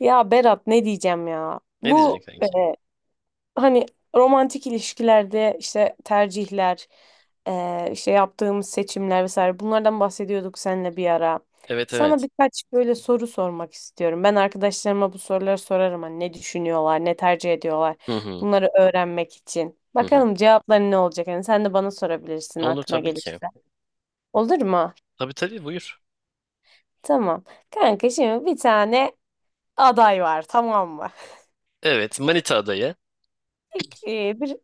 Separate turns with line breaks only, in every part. Ya Berat ne diyeceğim ya?
Ne diyeceksin
Bu
kanki?
hani romantik ilişkilerde işte tercihler, işte yaptığımız seçimler vesaire bunlardan bahsediyorduk seninle bir ara.
Evet
Sana
evet.
birkaç böyle soru sormak istiyorum. Ben arkadaşlarıma bu soruları sorarım hani ne düşünüyorlar, ne tercih ediyorlar.
Hı hı.
Bunları öğrenmek için.
Hı hı.
Bakalım cevapların ne olacak? Hani sen de bana sorabilirsin
Olur
aklına
tabii ki.
gelirse. Olur mu?
Tabii tabii buyur.
Tamam. Kanka şimdi bir tane aday var tamam mı?
Evet, manita adayı.
İlk, bir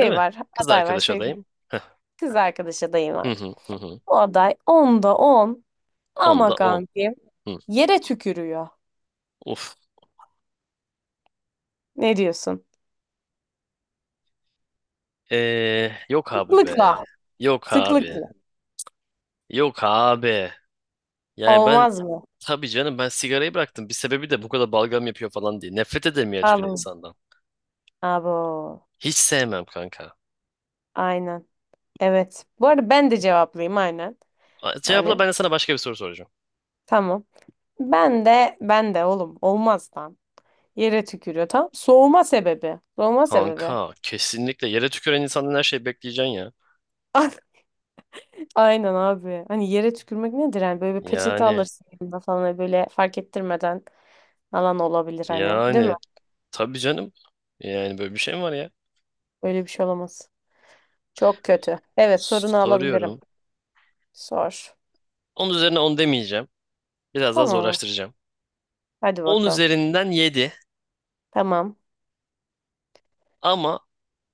Değil mi?
var,
Kız
aday var
arkadaş
sevgili
adayım. Heh.
kız arkadaş adayım
Hı
var.
hı hı hı.
Bu aday 10'da 10
Onda
ama
on.
kanki
Hı.
yere tükürüyor.
Uf.
Ne diyorsun?
Yok abi be.
Sıklıkla.
Yok abi.
Sıklıkla.
Yok abi. Yani ben,
Olmaz mı?
tabii canım, ben sigarayı bıraktım. Bir sebebi de bu kadar balgam yapıyor falan diye. Nefret ederim ya, çünkü
Abo.
insandan.
Abo.
Hiç sevmem kanka.
Aynen. Evet. Bu arada ben de cevaplayayım aynen.
A- Cevapla,
Hani
ben de sana başka bir soru soracağım.
tamam. Ben de oğlum olmaz lan. Yere tükürüyor tamam. Soğuma sebebi. Soğuma sebebi.
Kanka, kesinlikle yere tüküren insandan her şeyi bekleyeceksin ya.
Aynen abi. Hani yere tükürmek nedir? Yani böyle bir peçete
Yani
alırsın yanında falan hani böyle fark ettirmeden. Alan olabilir hani. Değil mi?
Yani tabii canım. Yani böyle bir şey mi var ya?
Öyle bir şey olamaz. Çok kötü. Evet sorunu alabilirim.
Soruyorum.
Sor.
10 üzerine 10 demeyeceğim. Biraz daha
Tamam.
zorlaştıracağım.
Hadi
On
bakalım.
üzerinden yedi,
Tamam.
ama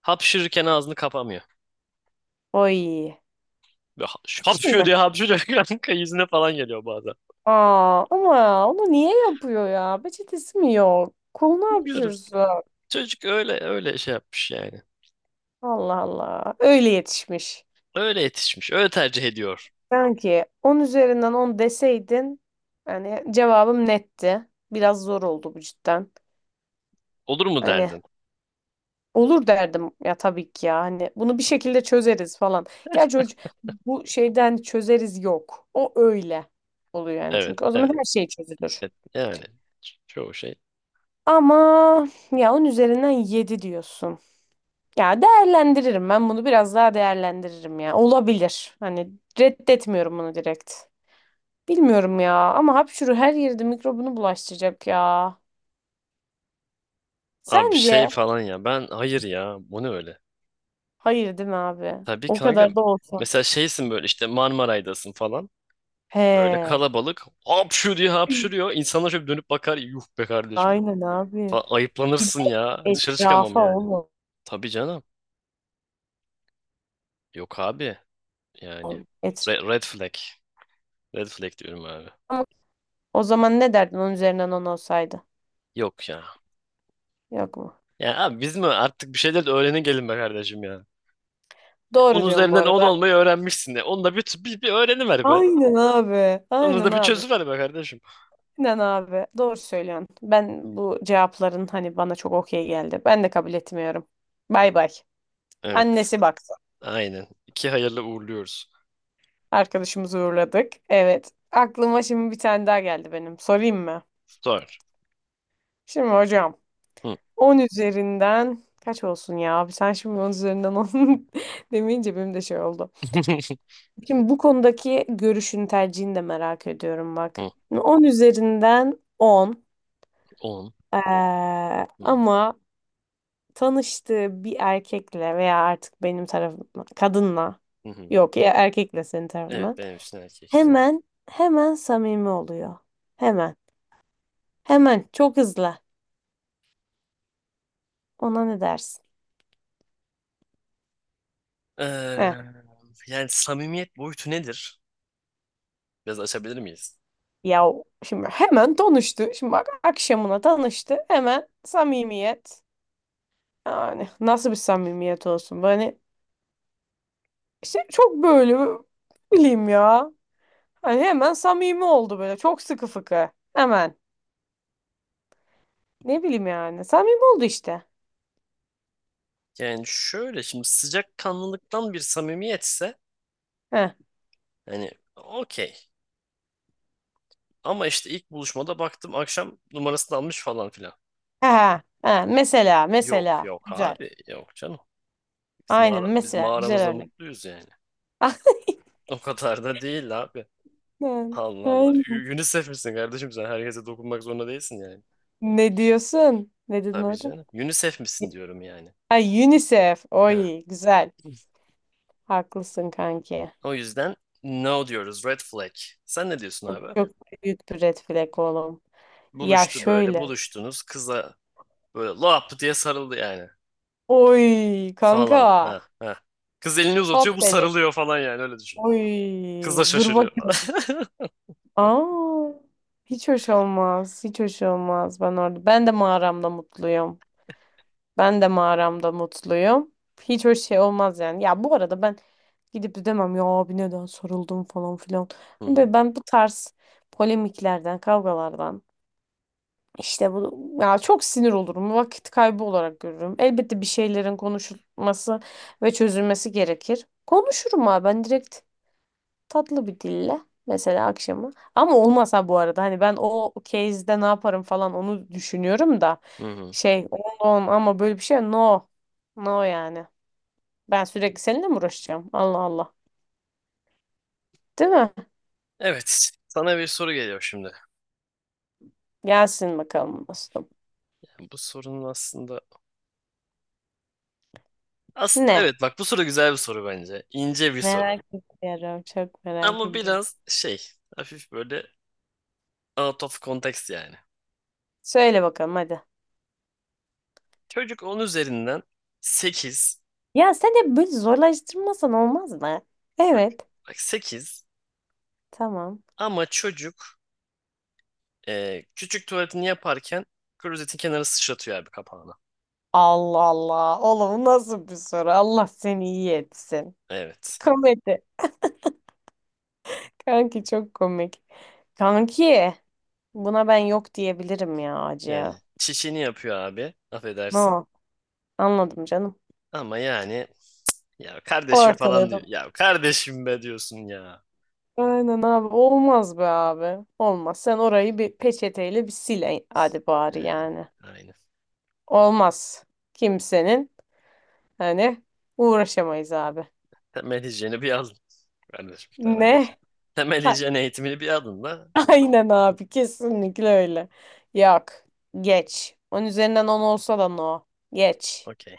hapşırırken ağzını kapamıyor.
O iyi.
Böyle hapşıyor
Şimdi.
diye hapşırıyor, kanka, yüzüne falan geliyor bazen.
Aa, ama onu niye yapıyor ya? Peçetesi mi yok? Kol ne
Bilmiyorum.
yapıyorsun?
Çocuk öyle öyle şey yapmış yani.
Allah Allah. Öyle yetişmiş.
Öyle yetişmiş. Öyle tercih ediyor.
Sanki 10 üzerinden 10 deseydin hani cevabım netti. Biraz zor oldu bu cidden.
Olur mu
Hani
derdin?
olur derdim ya tabii ki ya hani bunu bir şekilde çözeriz falan. Gerçi o, bu şeyden çözeriz yok. O öyle oluyor yani
Evet,
çünkü o zaman her
evet,
şey çözülür.
evet. Yani çoğu şey.
Ama ya onun üzerinden 7 diyorsun. Ya değerlendiririm ben bunu biraz daha değerlendiririm ya. Olabilir. Hani reddetmiyorum bunu direkt. Bilmiyorum ya ama hapşuru her yerde mikrobunu bulaştıracak ya.
Abi
Sence?
şey falan ya. Ben hayır ya. Bu ne öyle?
Hayır değil mi abi?
Tabii
O
kanka.
kadar da olsun.
Mesela şeysin, böyle işte Marmaray'dasın falan. Böyle
He.
kalabalık, hapşu diye hapşuruyor. İnsanlar şöyle dönüp bakar. Yuh be kardeşim.
Aynen abi.
Falan. Ayıplanırsın ya. Dışarı çıkamam
Etrafa
yani.
oğlum.
Tabii canım. Yok abi. Yani.
Etrafa.
Red flag. Red flag diyorum abi.
O zaman ne derdin onun üzerinden on olsaydı?
Yok ya.
Yok mu?
Ya abi, biz mi, artık bir şeyler de öğrenin gelin be kardeşim ya. Ya
Doğru
onun
diyorum bu
üzerinden 10
arada.
olmayı öğrenmişsin de. Onu da bir öğreniver be.
Aynen abi.
Onu
Aynen
da bir
abi.
çözüver be kardeşim.
Aynen abi. Doğru söylüyorsun. Ben bu cevapların hani bana çok okey geldi. Ben de kabul etmiyorum. Bay bay.
Evet.
Annesi baksın.
Aynen. İki hayırlı uğurluyoruz.
Arkadaşımızı uğurladık. Evet. Aklıma şimdi bir tane daha geldi benim. Sorayım mı?
Sor.
Şimdi hocam
Hı.
on üzerinden kaç olsun ya? Abi sen şimdi 10 üzerinden 10 demeyince benim de şey oldu. Şimdi bu konudaki görüşün, tercihini de merak ediyorum bak.
Hı,
10 üzerinden on.
10.
Ee,
Hı,
ama tanıştığı bir erkekle veya artık benim tarafımdan kadınla
hı hı.
yok ya erkekle senin
Evet,
tarafından
benim için erkekler.
hemen hemen samimi oluyor. Hemen. Hemen çok hızlı. Ona ne dersin? Heh.
Eee, yani samimiyet boyutu nedir? Biraz açabilir miyiz?
Ya o- şimdi hemen tanıştı. Şimdi bak akşamına tanıştı. Hemen samimiyet. Yani nasıl bir samimiyet olsun? Böyle İşte çok böyle ne bileyim ya. Hani hemen samimi oldu böyle. Çok sıkı fıkı. Hemen. Ne bileyim yani. Samimi oldu işte.
Yani şöyle, şimdi sıcakkanlılıktan bir samimiyetse
Heh.
hani okey. Ama işte ilk buluşmada baktım akşam numarasını almış falan filan.
Ha. Ha. Mesela.
Yok
Mesela.
yok
Güzel.
abi yok canım. Biz
Aynen.
mağara, biz
Mesela. Güzel
mağaramızda
örnek.
mutluyuz yani. O kadar da değil abi.
Aynen.
Allah Allah.
Aynen.
UNICEF misin kardeşim sen? Herkese dokunmak zorunda değilsin yani.
Ne diyorsun? Ne dedin
Tabii
orada?
canım. UNICEF misin diyorum yani.
Ha, UNICEF.
Heh.
Oy. Güzel. Haklısın kanki.
O yüzden no diyoruz. Red flag. Sen ne diyorsun
Çok,
abi?
çok büyük bir red flag oğlum. Ya
Buluştu böyle.
şöyle.
Buluştunuz. Kıza böyle lap diye sarıldı yani.
Oy kanka.
Falan. Ha, ha. Kız elini
Hop
uzatıyor. Bu
dedik.
sarılıyor falan yani. Öyle düşün.
Oy.
Kız da
Dur
şaşırıyor falan.
bakayım. Aa, hiç hoş olmaz. Hiç hoş olmaz ben orada. Ben de mağaramda mutluyum. Ben de mağaramda mutluyum. Hiç hoş şey olmaz yani. Ya bu arada ben gidip de demem ya abi neden soruldum falan filan.
Hı
Hani
hı,
böyle ben bu tarz polemiklerden, kavgalardan işte bu ya çok sinir olurum. Vakit kaybı olarak görürüm. Elbette bir şeylerin konuşulması ve çözülmesi gerekir. Konuşurum abi ben direkt tatlı bir dille mesela akşamı. Ama olmasa bu arada hani ben o case'de ne yaparım falan onu düşünüyorum da
hı hı.
şey on on ama böyle bir şey no. No yani. Ben sürekli seninle mi uğraşacağım? Allah Allah. Değil mi?
Evet. Sana bir soru geliyor şimdi.
Gelsin bakalım dostum.
Bu sorunun aslında... Aslında
Ne?
evet, bak, bu soru güzel bir soru bence. İnce bir soru.
Merak ediyorum. Çok merak
Ama
ediyorum.
biraz şey, hafif böyle out of context yani.
Söyle bakalım hadi.
Çocuk 10 üzerinden sekiz.
Ya sen hep böyle zorlaştırmasan olmaz mı?
Bak,
Evet.
bak, sekiz.
Tamam.
Ama çocuk, küçük tuvaletini yaparken klozetin kenarı sıçratıyor abi, kapağına.
Allah Allah. Oğlum bu nasıl bir soru? Allah seni iyi etsin.
Evet.
Komedi. Kanki çok komik. Kanki buna ben yok diyebilirim ya
Yani
acıya.
çişini yapıyor abi. Affedersin.
No anladım canım.
Ama yani, ya kardeşim falan diyor.
Ortaladım.
Ya kardeşim be, diyorsun ya.
Aynen abi olmaz be abi. Olmaz. Sen orayı bir peçeteyle bir sil hadi bari
Yani
yani.
aynen.
Olmaz. Kimsenin hani uğraşamayız abi.
Temel hijyeni bir alın. Kardeşim, temel
Ne?
hijyen. Temel
Ha,
hijyen eğitimini bir alın da.
aynen abi kesinlikle öyle. Yok. Geç. On üzerinden 10 olsa da no. Geç.
Okey.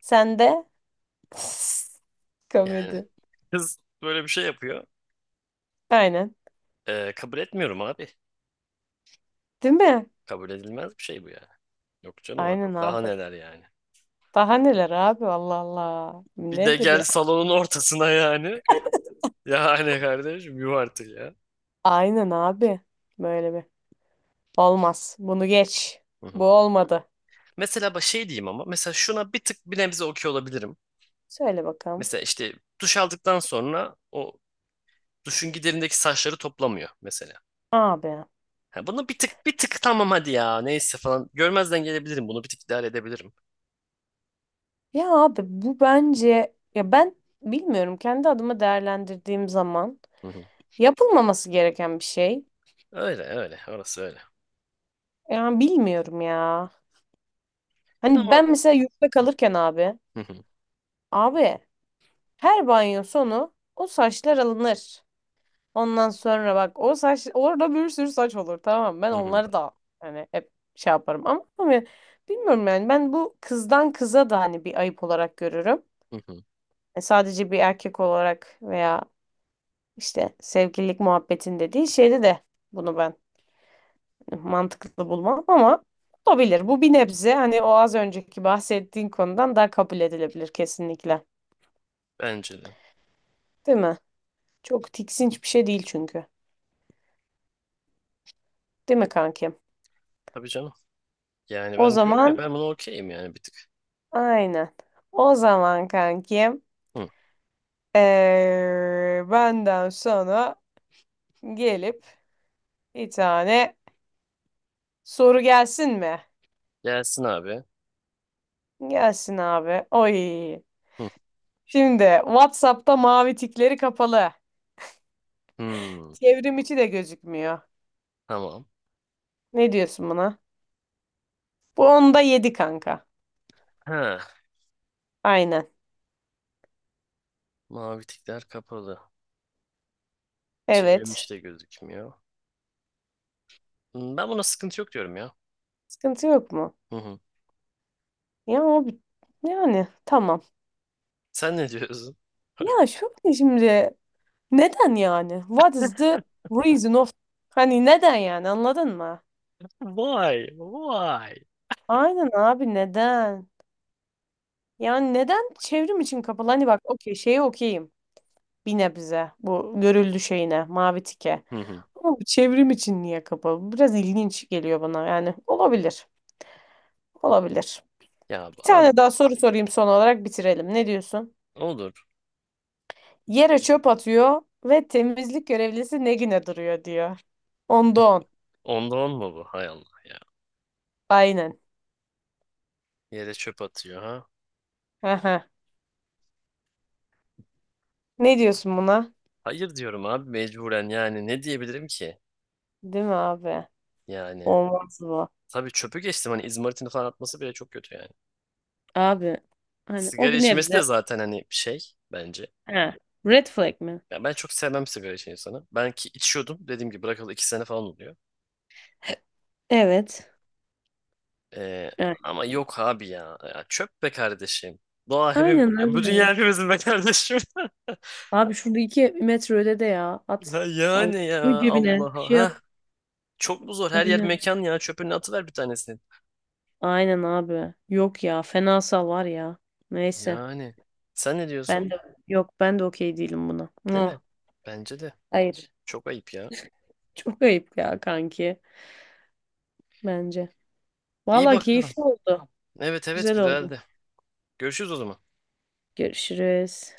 Sen de
Yani
komedi.
kız böyle bir şey yapıyor.
Aynen.
Kabul etmiyorum abi.
Değil mi?
Kabul edilmez bir şey bu yani. Yok canım abi.
Aynen
Daha
abi.
neler yani.
Daha neler abi Allah Allah.
Bir de
Nedir
gel
ya?
salonun ortasına yani. Yani kardeşim yuh artık ya.
Aynen abi. Böyle bir. Olmaz. Bunu geç.
Hı
Bu
hı.
olmadı.
Mesela bak şey diyeyim, ama mesela şuna bir tık bir nebze okey olabilirim.
Söyle bakalım.
Mesela işte duş aldıktan sonra o duşun giderindeki saçları toplamıyor mesela.
Abi.
Ha, bunu bir tık bir tık tamam hadi ya neyse falan görmezden gelebilirim, bunu bir tık idare edebilirim.
Ya abi bu bence ya ben bilmiyorum kendi adıma değerlendirdiğim zaman
Hı hı.
yapılmaması gereken bir şey.
Öyle öyle orası öyle.
Yani bilmiyorum ya. Hani
Ama.
ben mesela yurtta kalırken abi
Hı hı.
abi her banyo sonu o saçlar alınır. Ondan sonra bak o saç orada bir sürü saç olur tamam mı? Ben
Hı hı.
onları da hani hep şey yaparım ama bilmiyorum yani ben bu kızdan kıza da hani bir ayıp olarak görürüm.
Hı hı.
Sadece bir erkek olarak veya işte sevgililik muhabbetinde değil şeyde de bunu ben mantıklı bulmam ama olabilir. Bu bir nebze hani o az önceki bahsettiğin konudan daha kabul edilebilir kesinlikle.
Bence de.
Değil mi? Çok tiksinç bir şey değil çünkü. Değil mi kankim?
Tabii canım. Yani
O
ben diyorum ya,
zaman
ben bunu okeyim yani bir tık.
aynen. O zaman kankim
Hı.
benden sonra gelip bir tane soru gelsin mi?
Gelsin abi.
Gelsin abi. Oy.
Hı.
Şimdi WhatsApp'ta mavi tikleri kapalı.
Hı.
Çevrim içi de gözükmüyor.
Tamam.
Ne diyorsun buna? Bu onda yedi kanka.
Ha.
Aynen.
Mavi tikler kapalı.
Evet.
Çevirmiş de gözükmüyor. Ben buna sıkıntı yok diyorum ya.
Sıkıntı yok mu?
Hı hı.
Ya o bir- yani tamam.
Sen ne diyorsun?
Ya şu ne şimdi neden yani? What is the reason of Hani neden yani anladın mı?
Vay, vay.
Aynen abi neden? Yani neden çevrim için kapalı? Hani bak okey şeye okeyim. Bir nebze bu görüldü şeyine mavi tike.
Hı hı.
Ama bu çevrim için niye kapalı? Bu biraz ilginç geliyor bana yani. Olabilir. Olabilir.
Ya
Bir
abi,
tane daha soru sorayım son olarak bitirelim. Ne diyorsun?
olur.
Yere çöp atıyor ve temizlik görevlisi ne güne duruyor diyor. Onda on.
Onda on mu bu? Hay Allah ya.
Aynen.
Yere çöp atıyor ha.
Aha. Ne diyorsun buna?
Hayır diyorum abi, mecburen, yani ne diyebilirim ki?
Değil mi abi?
Yani
Olmaz bu.
tabii çöpü geçtim, hani izmaritini falan atması bile çok kötü yani.
Abi hani o
Sigara
bir
içmesi
nebze.
de zaten hani şey, bence.
He. Red flag mi?
Ya ben çok sevmem sigara içen insanı. Ben ki içiyordum, dediğim gibi bırakalı 2 sene falan oluyor.
Evet.
Ee,
Evet.
ama yok abi ya. Ya çöp be kardeşim. Doğa hepim
Aynen
ya, bu dünya
abi.
hepimizin be kardeşim.
Abi şurada 2 metre ötede ya. At.
Ha.
Allah.
Yani
Koy
ya
cebine. Bir
Allah'a.
şey yap.
Ha, çok mu zor? Her yer
Aynen.
mekan ya. Çöpünü atıver bir tanesini.
Aynen abi. Yok ya. Fenasal var ya. Neyse.
Yani. Sen ne diyorsun?
Ben de yok ben de okey değilim buna.
Değil mi?
Ah,
Bence de.
hayır.
Çok ayıp ya.
Çok ayıp ya kanki. Bence.
İyi
Valla
bakalım.
keyifli oldu.
Evet, evet,
Güzel oldu.
güzeldi. Görüşürüz o zaman.
Görüşürüz.